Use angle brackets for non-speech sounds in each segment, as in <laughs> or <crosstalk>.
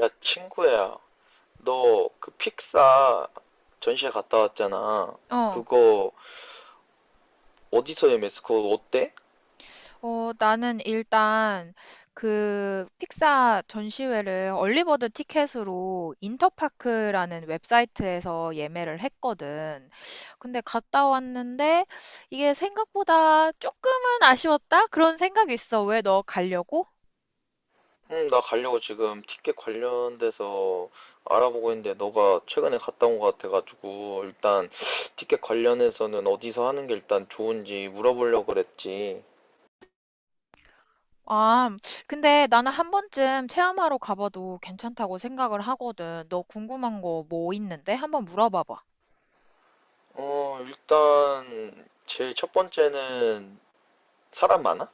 야, 친구야, 너 그 픽사 전시회 갔다 왔잖아. 어, 그거 어디서 예매했어? 그거 어때? 어, 나는 일단 그 픽사 전시회를 얼리버드 티켓으로 인터파크라는 웹사이트에서 예매를 했거든. 근데 갔다 왔는데 이게 생각보다 조금은 아쉬웠다? 그런 생각이 있어. 왜, 너 가려고? 응, 나 가려고 지금 티켓 관련돼서 알아보고 있는데 너가 최근에 갔다 온 것 같아가지고 일단 티켓 관련해서는 어디서 하는 게 일단 좋은지 물어보려고 그랬지. 아, 근데 나는 한 번쯤 체험하러 가봐도 괜찮다고 생각을 하거든. 너 궁금한 거 뭐 있는데? 한번 물어봐봐. 일단 제일 첫 번째는 사람 많아?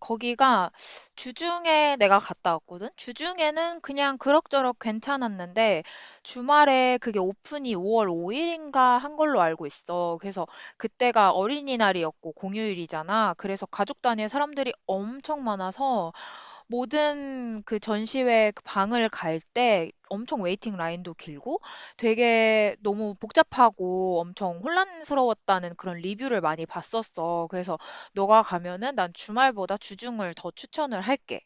거기가 주중에 내가 갔다 왔거든? 주중에는 그냥 그럭저럭 괜찮았는데, 주말에 그게 오픈이 5월 5일인가 한 걸로 알고 있어. 그래서 그때가 어린이날이었고 공휴일이잖아. 그래서 가족 단위의 사람들이 엄청 많아서, 모든 그 전시회 그 방을 갈 때 엄청 웨이팅 라인도 길고 되게 너무 복잡하고 엄청 혼란스러웠다는 그런 리뷰를 많이 봤었어. 그래서 너가 가면은 난 주말보다 주중을 더 추천을 할게.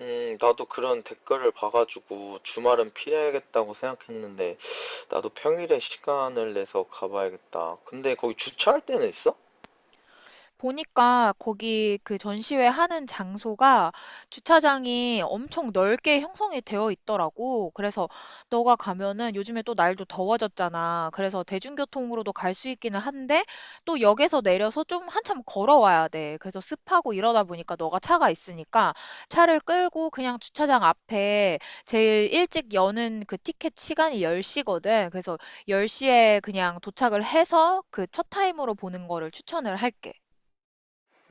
나도 그런 댓글을 봐가지고 주말은 피해야겠다고 생각했는데 나도 평일에 시간을 내서 가봐야겠다. 근데 거기 주차할 데는 있어? 보니까 거기 그 전시회 하는 장소가 주차장이 엄청 넓게 형성이 되어 있더라고. 그래서 너가 가면은 요즘에 또 날도 더워졌잖아. 그래서 대중교통으로도 갈 수 있기는 한데, 또 역에서 내려서 좀 한참 걸어와야 돼. 그래서 습하고 이러다 보니까 너가 차가 있으니까 차를 끌고 그냥 주차장 앞에, 제일 일찍 여는 그 티켓 시간이 10시거든. 그래서 10시에 그냥 도착을 해서 그 첫 타임으로 보는 거를 추천을 할게.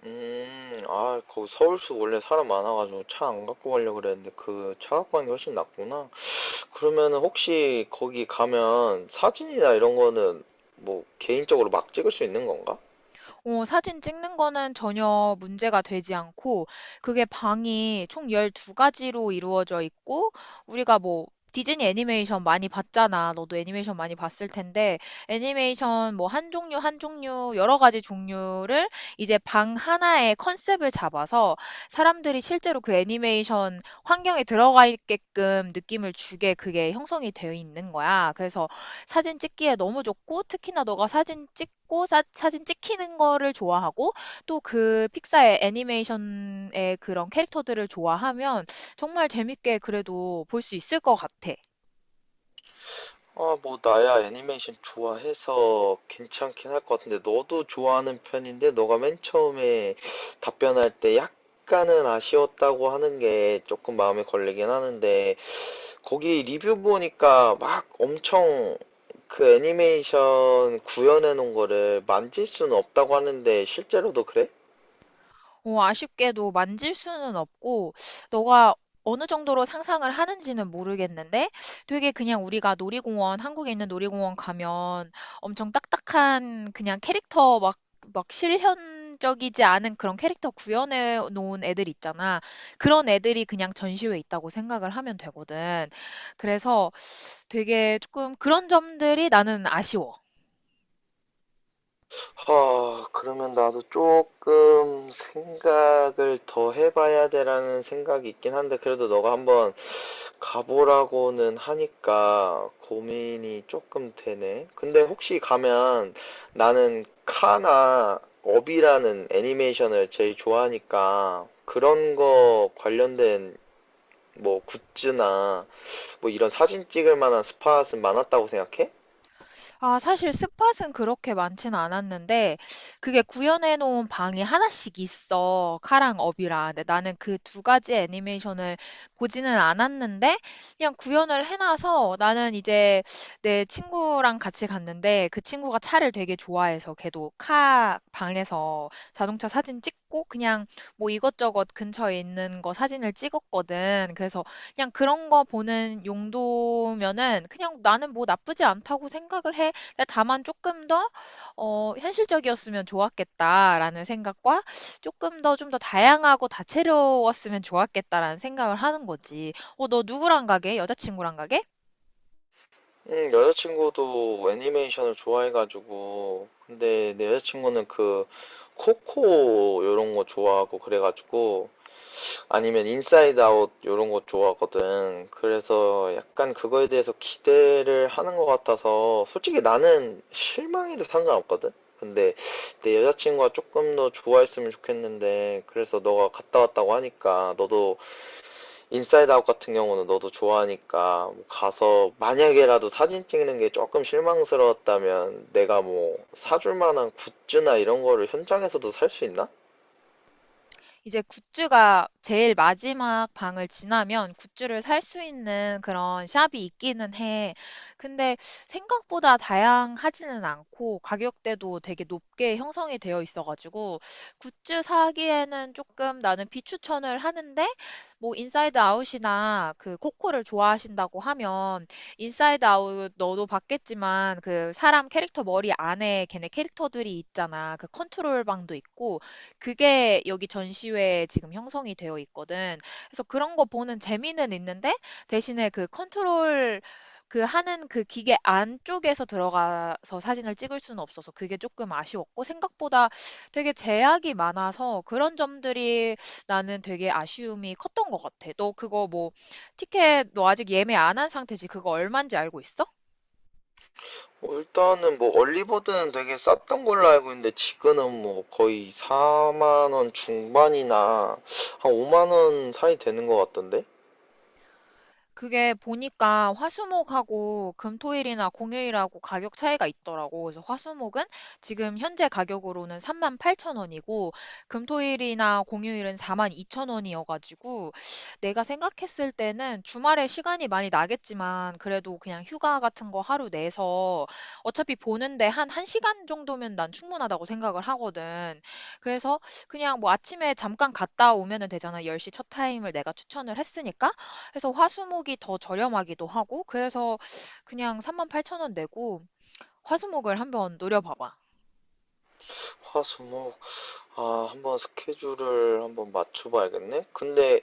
거기 서울수 원래 사람 많아가지고 차 안 갖고 가려고 그랬는데 그 차 갖고 가는 게 훨씬 낫구나. 그러면 혹시 거기 가면 사진이나 이런 거는 뭐 개인적으로 막 찍을 수 있는 건가? 어, 사진 찍는 거는 전혀 문제가 되지 않고, 그게 방이 총 12가지로 이루어져 있고, 우리가 뭐, 디즈니 애니메이션 많이 봤잖아. 너도 애니메이션 많이 봤을 텐데, 애니메이션 뭐 한 종류, 한 종류, 여러 가지 종류를 이제 방 하나의 컨셉을 잡아서 사람들이 실제로 그 애니메이션 환경에 들어가 있게끔 느낌을 주게 그게 형성이 되어 있는 거야. 그래서 사진 찍기에 너무 좋고, 특히나 너가 사진 찍고 사진 찍히는 거를 좋아하고 또 그 픽사의 애니메이션의 그런 캐릭터들을 좋아하면 정말 재밌게 그래도 볼 수 있을 것 같아. 뭐 나야 애니메이션 좋아해서 괜찮긴 할 것 같은데 너도 좋아하는 편인데 너가 맨 처음에 답변할 때 약간은 아쉬웠다고 하는 게 조금 마음에 걸리긴 하는데 거기 리뷰 보니까 막 엄청 그 애니메이션 구현해 놓은 거를 만질 수는 없다고 하는데 실제로도 그래? 어, 아쉽게도 만질 수는 없고, 너가 어느 정도로 상상을 하는지는 모르겠는데, 되게 그냥 우리가 놀이공원, 한국에 있는 놀이공원 가면 엄청 딱딱한 그냥 캐릭터 막, 막 실현적이지 않은 그런 캐릭터 구현해 놓은 애들 있잖아. 그런 애들이 그냥 전시회에 있다고 생각을 하면 되거든. 그래서 되게 조금 그런 점들이 나는 아쉬워. 그러면 나도 조금 생각을 더 해봐야 되라는 생각이 있긴 한데 그래도 너가 한번 가보라고는 하니까 고민이 조금 되네. 근데 혹시 가면 나는 카나 업이라는 애니메이션을 제일 좋아하니까 그런 거 관련된 뭐 굿즈나 뭐 이런 사진 찍을 만한 스팟은 많았다고 생각해? 아, 사실 스팟은 그렇게 많지는 않았는데, 그게 구현해 놓은 방이 하나씩 있어, 카랑 업이라. 근데 나는 그 두 가지 애니메이션을 보지는 않았는데, 그냥 구현을 해놔서 나는 이제 내 친구랑 같이 갔는데, 그 친구가 차를 되게 좋아해서 걔도 카 방에서 자동차 사진 찍고, 그냥 뭐 이것저것 근처에 있는 거 사진을 찍었거든. 그래서 그냥 그런 거 보는 용도면은 그냥 나는 뭐 나쁘지 않다고 생각을 해. 근데 다만 조금 더 '현실적이었으면 좋았겠다.'라는 생각과 조금 더 좀 더 다양하고 다채로웠으면 좋았겠다.'라는 생각을 하는 거지. "어, 너 누구랑 가게? 여자친구랑 가게?" 여자친구도 애니메이션을 좋아해가지고 근데 내 여자친구는 그 코코 요런 거 좋아하고 그래가지고 아니면 인사이드 아웃 요런 거 좋아하거든. 그래서 약간 그거에 대해서 기대를 하는 것 같아서 솔직히 나는 실망해도 상관없거든. 근데 내 여자친구가 조금 더 좋아했으면 좋겠는데, 그래서 너가 갔다 왔다고 하니까 너도, 인사이드 아웃 같은 경우는 너도 좋아하니까 뭐 가서 만약에라도 사진 찍는 게 조금 실망스러웠다면 내가 뭐 사줄 만한 굿즈나 이런 거를 현장에서도 살 수 있나? 이제 굿즈가 제일 마지막 방을 지나면 굿즈를 살 수 있는 그런 샵이 있기는 해. 근데 생각보다 다양하지는 않고 가격대도 되게 높게 형성이 되어 있어가지고 굿즈 사기에는 조금 나는 비추천을 하는데, 뭐 인사이드 아웃이나 그 코코를 좋아하신다고 하면, 인사이드 아웃 너도 봤겠지만 그 사람 캐릭터 머리 안에 걔네 캐릭터들이 있잖아. 그 컨트롤 방도 있고 그게 여기 전시회에 지금 형성이 되어 있거든. 그래서 그런 거 보는 재미는 있는데, 대신에 그 컨트롤 그 하는 그 기계 안쪽에서 들어가서 사진을 찍을 수는 없어서 그게 조금 아쉬웠고, 생각보다 되게 제약이 많아서 그런 점들이 나는 되게 아쉬움이 컸던 것 같아. 너 그거 뭐 티켓 너 아직 예매 안 한 상태지? 그거 얼마인지 알고 있어? 뭐 일단은 뭐 얼리버드는 되게 쌌던 걸로 알고 있는데 지금은 뭐 거의 4만 원 중반이나 한 5만 원 사이 되는 것 같던데? 그게 보니까 화수목하고 금토일이나 공휴일하고 가격 차이가 있더라고. 그래서 화수목은 지금 현재 가격으로는 38,000원이고, 금토일이나 공휴일은 42,000원이어가지고, 내가 생각했을 때는 주말에 시간이 많이 나겠지만 그래도 그냥 휴가 같은 거 하루 내서 어차피 보는데 한 1시간 정도면 난 충분하다고 생각을 하거든. 그래서 그냥 뭐 아침에 잠깐 갔다 오면은 되잖아. 10시 첫 타임을 내가 추천을 했으니까. 해서 화수목이 더 저렴하기도 하고 그래서 그냥 38,000원 내고 화수목을 한번 노려봐봐. 화수목, 한번 스케줄을 한번 맞춰봐야겠네. 근데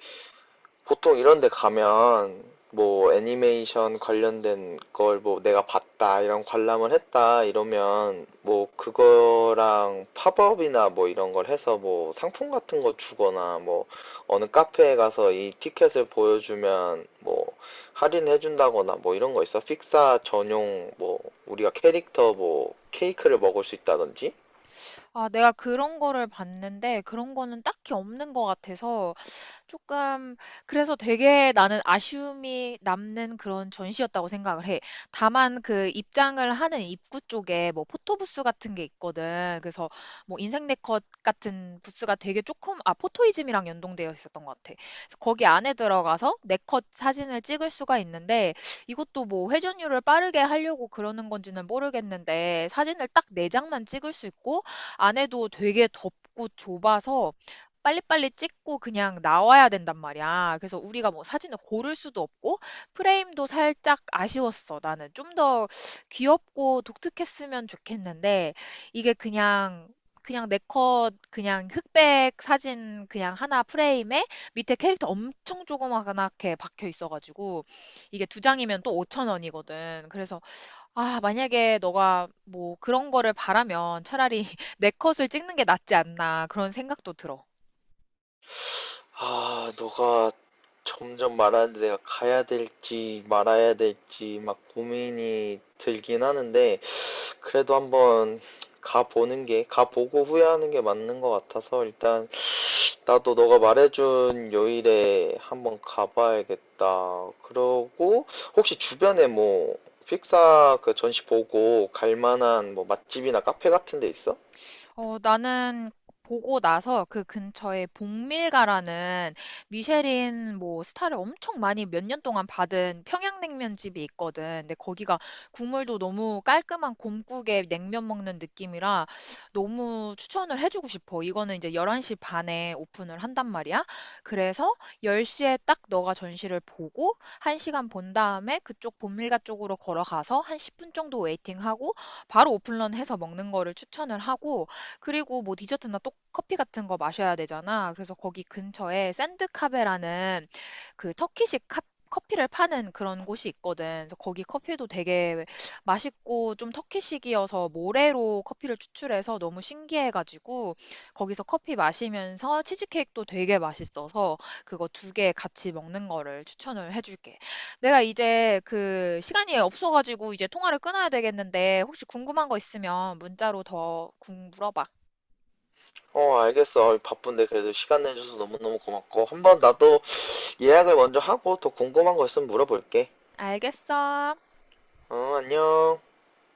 보통 이런 데 가면 뭐 애니메이션 관련된 걸 뭐 내가 봤다 이런 관람을 했다 이러면 뭐 그거랑 팝업이나 뭐 이런 걸 해서 뭐 상품 같은 거 주거나 뭐 어느 카페에 가서 이 티켓을 보여주면 뭐 할인해 준다거나 뭐 이런 거 있어? 픽사 전용 뭐 우리가 캐릭터 뭐 케이크를 먹을 수 있다든지. 아, 내가 그런 거를 봤는데 그런 거는 딱히 없는 것 같아서 조금, 그래서 되게 나는 아쉬움이 남는 그런 전시였다고 생각을 해. 다만 그 입장을 하는 입구 쪽에 뭐 포토부스 같은 게 있거든. 그래서 뭐 인생 네컷 같은 부스가 되게 조금, 아 포토이즘이랑 연동되어 있었던 것 같아. 그래서 거기 안에 들어가서 네컷 사진을 찍을 수가 있는데, 이것도 뭐 회전율을 빠르게 하려고 그러는 건지는 모르겠는데 사진을 딱 4 장만 찍을 수 있고 안에도 되게 덥고 좁아서 빨리빨리 찍고 그냥 나와야 된단 말이야. 그래서 우리가 뭐 사진을 고를 수도 없고 프레임도 살짝 아쉬웠어. 나는 좀 더 귀엽고 독특했으면 좋겠는데, 이게 그냥, 그냥 내 컷 그냥 흑백 사진 그냥 하나 프레임에 밑에 캐릭터 엄청 조그맣게 박혀 있어가지고, 이게 두 장이면 또 5천 원이거든. 그래서 아, 만약에 너가 뭐 그런 거를 바라면 차라리 <laughs> 내 컷을 찍는 게 낫지 않나, 그런 생각도 들어. 너가 점점 말하는데 내가 가야 될지 말아야 될지 막 고민이 들긴 하는데 그래도 한번 가보는 게 가보고 후회하는 게 맞는 것 같아서 일단 나도 너가 말해준 요일에 한번 가봐야겠다. 그러고 혹시 주변에 뭐 픽사 그 전시 보고 갈 만한 뭐 맛집이나 카페 같은 데 있어? 어, 나는 보고 나서 그 근처에 봉밀가라는 미쉐린 뭐 스타를 엄청 많이 몇 년 동안 받은 평양냉면 집이 있거든. 근데 거기가 국물도 너무 깔끔한 곰국에 냉면 먹는 느낌이라 너무 추천을 해주고 싶어. 이거는 이제 11시 반에 오픈을 한단 말이야. 그래서 10시에 딱 너가 전시를 보고 1시간 본 다음에 그쪽 본밀가 쪽으로 걸어가서 한 10분 정도 웨이팅하고 바로 오픈런 해서 먹는 거를 추천을 하고, 그리고 뭐 디저트나 또 커피 같은 거 마셔야 되잖아. 그래서 거기 근처에 샌드카베라는 그 터키식 커피를 파는 그런 곳이 있거든. 그래서 거기 커피도 되게 맛있고 좀 터키식이어서 모래로 커피를 추출해서 너무 신기해가지고 거기서 커피 마시면서 치즈케이크도 되게 맛있어서 그거 두 개 같이 먹는 거를 추천을 해줄게. 내가 이제 그 시간이 없어가지고 이제 통화를 끊어야 되겠는데, 혹시 궁금한 거 있으면 문자로 더 물어봐. 어, 알겠어. 바쁜데 그래도 시간 내줘서 너무너무 고맙고 한번 나도 예약을 먼저 하고 더 궁금한 거 있으면 물어볼게. 알겠어. 어, 안녕.